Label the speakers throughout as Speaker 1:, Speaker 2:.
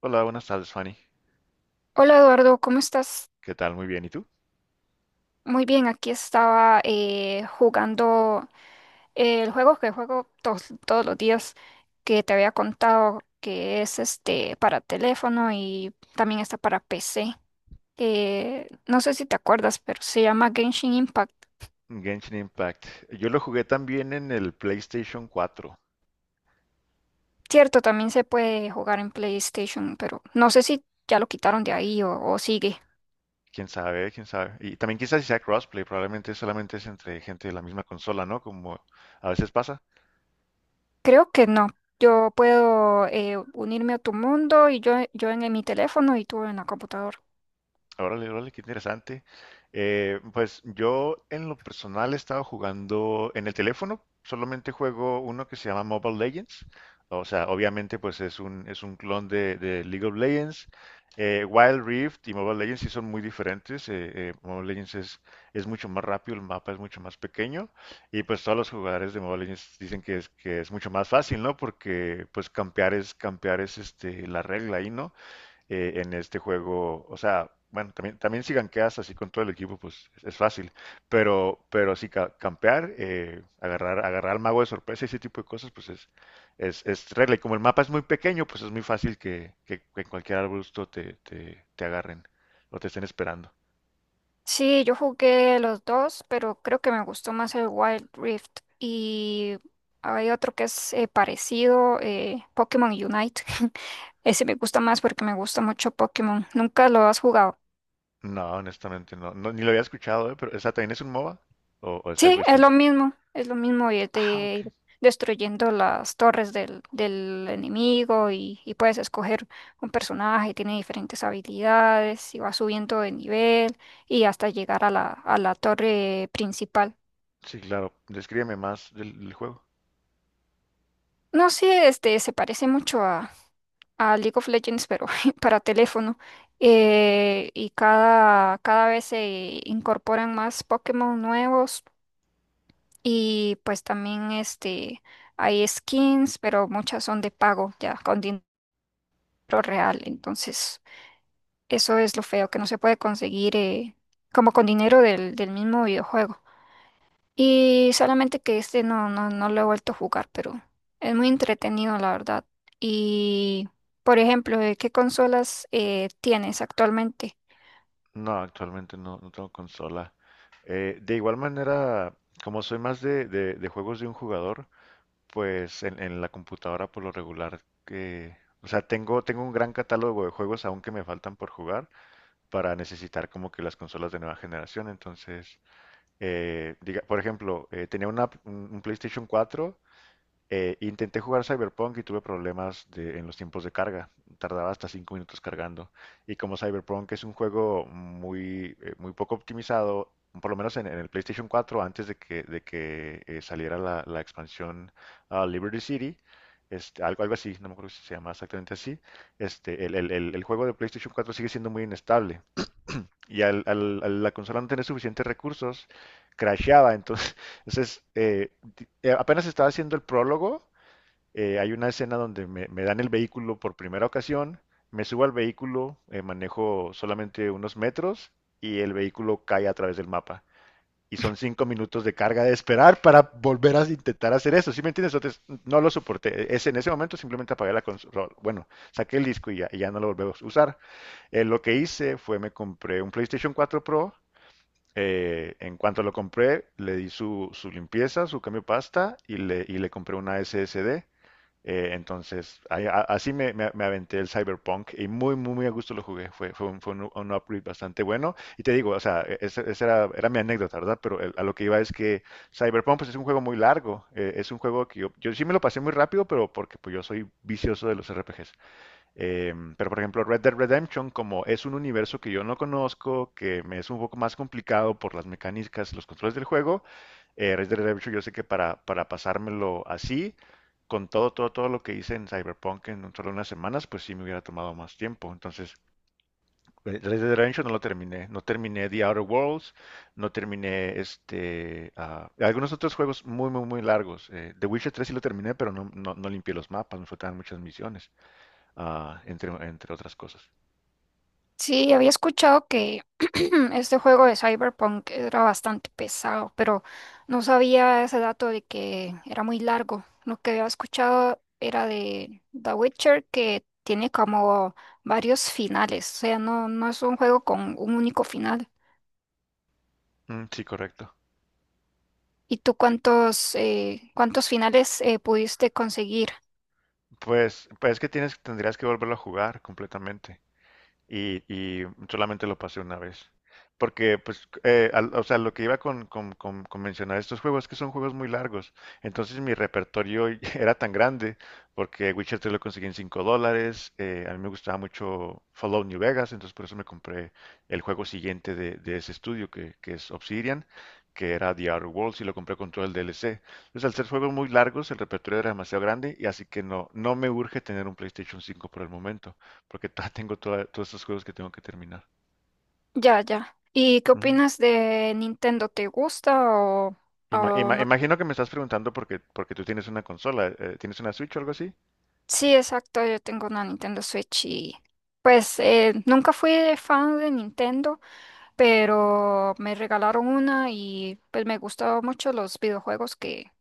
Speaker 1: Hola, buenas tardes, Fanny.
Speaker 2: Hola Eduardo, ¿cómo estás?
Speaker 1: ¿Qué tal? Muy bien. ¿Y tú?
Speaker 2: Muy bien, aquí estaba jugando el juego que juego todos los días que te había contado que es este para teléfono y también está para PC. No sé si te acuerdas, pero se llama Genshin Impact.
Speaker 1: Genshin Impact. Yo lo jugué también en el PlayStation 4.
Speaker 2: Cierto, también se puede jugar en PlayStation, pero no sé si ya lo quitaron de ahí o sigue.
Speaker 1: Quién sabe, quién sabe. Y también quizás si sea crossplay, probablemente solamente es entre gente de la misma consola, ¿no? Como a veces pasa.
Speaker 2: Creo que no. Yo puedo unirme a tu mundo y yo en mi teléfono y tú en la computadora.
Speaker 1: Órale, órale, qué interesante. Pues yo en lo personal he estado jugando en el teléfono, solamente juego uno que se llama Mobile Legends. O sea, obviamente pues es un clon de League of Legends. Wild Rift y Mobile Legends sí son muy diferentes. Mobile Legends es mucho más rápido, el mapa es mucho más pequeño. Y pues todos los jugadores de Mobile Legends dicen que es mucho más fácil, ¿no? Porque pues campear es este, la regla ahí, ¿no? En este juego. O sea, bueno, también, también si ganqueas así con todo el equipo, pues es fácil. Pero sí, campear, agarrar al mago de sorpresa y ese tipo de cosas, pues es regla. Y como el mapa es muy pequeño, pues es muy fácil que en cualquier arbusto te agarren o te estén esperando.
Speaker 2: Sí, yo jugué los dos, pero creo que me gustó más el Wild Rift. Y hay otro que es parecido, Pokémon Unite. Ese me gusta más porque me gusta mucho Pokémon. ¿Nunca lo has jugado?
Speaker 1: No, honestamente no. No, ni lo había escuchado, ¿eh? Pero, ¿esa también es un MOBA? O es algo
Speaker 2: Sí,
Speaker 1: distinto?
Speaker 2: es lo mismo y es
Speaker 1: Ah,
Speaker 2: de
Speaker 1: ok.
Speaker 2: ir destruyendo las torres del enemigo y puedes escoger un personaje, tiene diferentes habilidades y va subiendo de nivel y hasta llegar a la torre principal.
Speaker 1: Sí, claro. Descríbeme más del juego.
Speaker 2: No sé, este se parece mucho a League of Legends, pero para teléfono. Y cada vez se incorporan más Pokémon nuevos y pues también este hay skins, pero muchas son de pago, ya con dinero real. Entonces, eso es lo feo, que no se puede conseguir como con dinero del mismo videojuego. Y solamente que este no lo he vuelto a jugar, pero es muy entretenido, la verdad. Y, por ejemplo, ¿de ¿qué consolas tienes actualmente?
Speaker 1: No, actualmente no, no tengo consola. De igual manera, como soy más de juegos de un jugador, pues en la computadora por lo regular que... O sea, tengo un gran catálogo de juegos aún que me faltan por jugar para necesitar como que las consolas de nueva generación. Entonces, diga, por ejemplo, tenía un un PlayStation 4. Intenté jugar Cyberpunk y tuve problemas en los tiempos de carga. Tardaba hasta 5 minutos cargando. Y como Cyberpunk es un juego muy, muy poco optimizado, por lo menos en el PlayStation 4, antes de que saliera la expansión Liberty City, este, algo así, no me acuerdo si se llama exactamente así, este, el juego de PlayStation 4 sigue siendo muy inestable. Y a la consola no tener suficientes recursos, crasheaba. Entonces, entonces eh, apenas estaba haciendo el prólogo. Hay una escena donde me dan el vehículo por primera ocasión, me subo al vehículo, manejo solamente unos metros y el vehículo cae a través del mapa. Y son 5 minutos de carga de esperar para volver a intentar hacer eso. ¿Sí me entiendes? Entonces, no lo soporté. Es, en ese momento simplemente apagué la consola. Bueno, saqué el disco y ya no lo volvemos a usar. Lo que hice fue me compré un PlayStation 4 Pro. En cuanto lo compré, le di su limpieza, su cambio de pasta y le compré una SSD. Así me aventé el Cyberpunk y muy, muy, muy a gusto lo jugué. Un upgrade bastante bueno. Y te digo, o sea, esa era mi anécdota, ¿verdad? Pero a lo que iba es que Cyberpunk pues, es un juego muy largo. Es un juego que yo sí me lo pasé muy rápido, pero porque pues, yo soy vicioso de los RPGs. Pero por ejemplo, Red Dead Redemption, como es un universo que yo no conozco, que me es un poco más complicado por las mecánicas, los controles del juego, Red Dead Redemption, yo sé que para pasármelo así, con todo, todo, todo lo que hice en Cyberpunk en solo unas semanas, pues sí me hubiera tomado más tiempo. Entonces, Red Dead Redemption no lo terminé. No terminé The Outer Worlds, no terminé este, algunos otros juegos muy, muy, muy largos. The Witcher tres sí lo terminé, pero no limpié los mapas, me faltaban muchas misiones, entre otras cosas.
Speaker 2: Sí, había escuchado que este juego de Cyberpunk era bastante pesado, pero no sabía ese dato de que era muy largo. Lo que había escuchado era de The Witcher, que tiene como varios finales, o sea, no, no es un juego con un único final.
Speaker 1: Mm, sí, correcto.
Speaker 2: ¿Y tú cuántos, cuántos finales pudiste conseguir?
Speaker 1: Pues es que tienes, tendrías que volverlo a jugar completamente. Y solamente lo pasé una vez. Porque, pues, o sea, lo que iba con mencionar estos juegos es que son juegos muy largos. Entonces mi repertorio era tan grande, porque Witcher 3 lo conseguí en $5. A mí me gustaba mucho Fallout New Vegas, entonces por eso me compré el juego siguiente de ese estudio, que es Obsidian, que era The Outer Worlds, y lo compré con todo el DLC. Entonces, al ser juegos muy largos, el repertorio era demasiado grande, y así que no, no me urge tener un PlayStation 5 por el momento porque todavía todos estos juegos que tengo que terminar.
Speaker 2: Ya, ya. ¿Y qué
Speaker 1: Ujú.
Speaker 2: opinas de Nintendo? ¿Te gusta o no?
Speaker 1: Imagino que me estás preguntando porque, porque tú tienes una consola, ¿tienes una Switch o algo así?
Speaker 2: Sí, exacto, yo tengo una Nintendo Switch y pues nunca fui de fan de Nintendo, pero me regalaron una y pues me gustaron mucho los videojuegos que,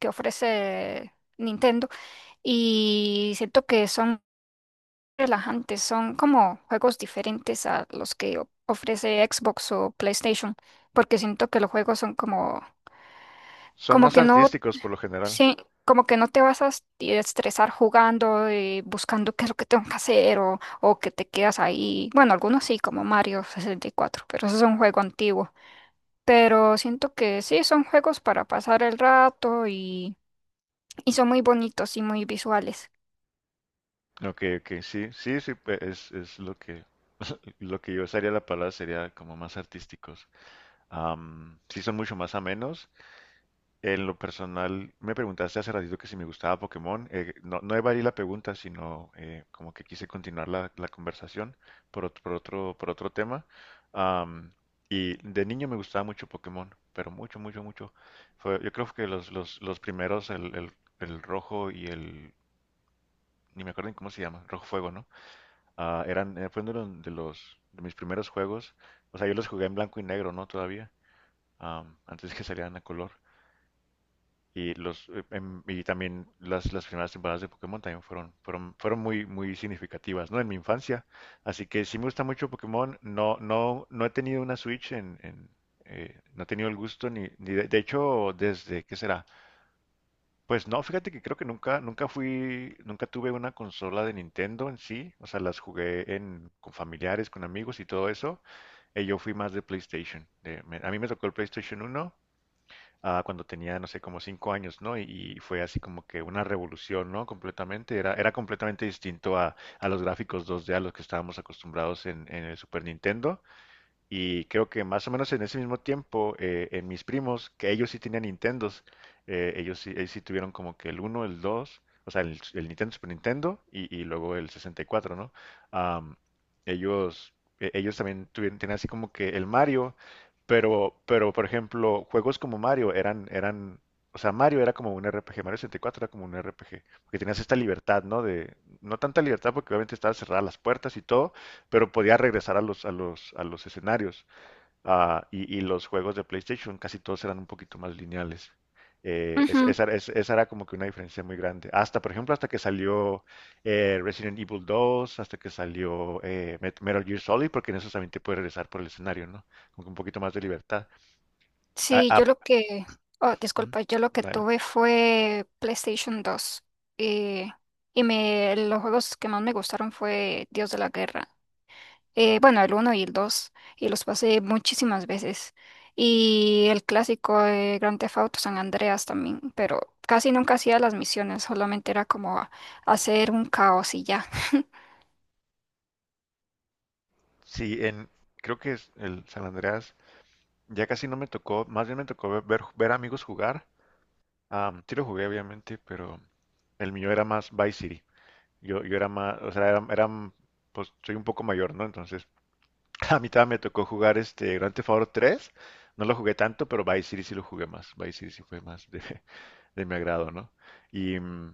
Speaker 2: que ofrece Nintendo y siento que son relajantes, son como juegos diferentes a los que ofrece Xbox o PlayStation, porque siento que los juegos son como,
Speaker 1: Son
Speaker 2: como
Speaker 1: más
Speaker 2: que no,
Speaker 1: artísticos por lo general.
Speaker 2: sí, como que no te vas a estresar jugando y buscando qué es lo que tengo que hacer o que te quedas ahí. Bueno, algunos sí, como Mario 64, pero eso es un juego antiguo. Pero siento que sí, son juegos para pasar el rato y son muy bonitos y muy visuales.
Speaker 1: Ok, ok, sí, sí, sí, es lo que, lo que yo usaría la palabra sería como más artísticos. Am, sí, son mucho más amenos. En lo personal, me preguntaste hace ratito que si me gustaba Pokémon. No evadí la pregunta, sino como que quise continuar la conversación por otro tema. Am, y de niño me gustaba mucho Pokémon, pero mucho, mucho, mucho. Fue, yo creo que los primeros, el rojo y el... Ni me acuerdo ni cómo se llama, rojo fuego, ¿no? Fue uno de de mis primeros juegos. O sea, yo los jugué en blanco y negro, ¿no? Todavía, am, antes que salieran a color. Y también las primeras temporadas de Pokémon también fueron muy, muy significativas, ¿no? En mi infancia. Así que sí me gusta mucho Pokémon. No he tenido una Switch en. No he tenido el gusto ni de hecho, desde, ¿qué será? Pues no, fíjate que creo que nunca tuve una consola de Nintendo en sí. O sea, las jugué en, con familiares, con amigos y todo eso. Yo fui más de PlayStation. A mí me tocó el PlayStation uno cuando tenía, no sé, como 5 años, ¿no? Y fue así como que una revolución, ¿no? Completamente, era completamente distinto a los gráficos dos d a los que estábamos acostumbrados en el Super Nintendo. Y creo que más o menos en ese mismo tiempo, en mis primos, que ellos sí tenían Nintendos, ellos sí tuvieron como que el uno el dos, o sea, el Nintendo Super Nintendo y luego el 64, ¿no? Am, ellos, ellos también tuvieron, tenían así como que el Mario, pero por ejemplo, juegos como Mario eran, o sea, Mario era como un RPG, Mario 64 era como un RPG, porque tenías esta libertad, ¿no? De, no tanta libertad porque obviamente estaban cerradas las puertas y todo, pero podía regresar a a los escenarios. Y los juegos de PlayStation casi todos eran un poquito más lineales. Esa era como que una diferencia muy grande. Hasta, por ejemplo, hasta que salió Resident Evil 2, hasta que salió Metal Gear Solid, porque en eso también te puedes regresar por el escenario, ¿no? Con un poquito más de libertad. Ah,
Speaker 2: Sí,
Speaker 1: ah,
Speaker 2: oh,
Speaker 1: Ujú,
Speaker 2: disculpa, yo lo que
Speaker 1: adelante.
Speaker 2: tuve fue PlayStation 2 eh, y me, los juegos que más me gustaron fue Dios de la Guerra. Bueno, el uno y el 2 y los pasé muchísimas veces. Y el clásico de Grand Theft Auto San Andreas también, pero casi nunca hacía las misiones, solamente era como hacer un caos y ya.
Speaker 1: Sí, en, creo que es el San Andreas ya casi no me tocó, más bien me tocó ver, ver amigos jugar. Am, sí lo jugué, obviamente, pero el mío era más Vice City. Yo era más, era, pues soy un poco mayor, ¿no? Entonces, a mí también me tocó jugar este Grand Theft Auto 3. No lo jugué tanto, pero Vice City sí lo jugué más. Vice City sí fue más de, de mi agrado, ¿no? Y mm,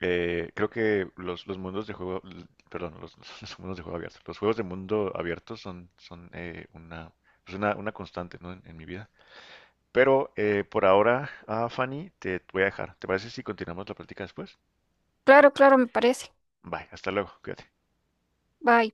Speaker 1: eh, creo que los mundos de juego, perdón, los, los mundos de juego abierto, los juegos de mundo abierto son pues, una constante, ¿no? En mi vida. Pero por ahora, Fanny, te voy a dejar. ¿Te parece si continuamos la práctica después?
Speaker 2: Claro, claro, me parece.
Speaker 1: Bye, hasta luego, cuídate.
Speaker 2: Bye.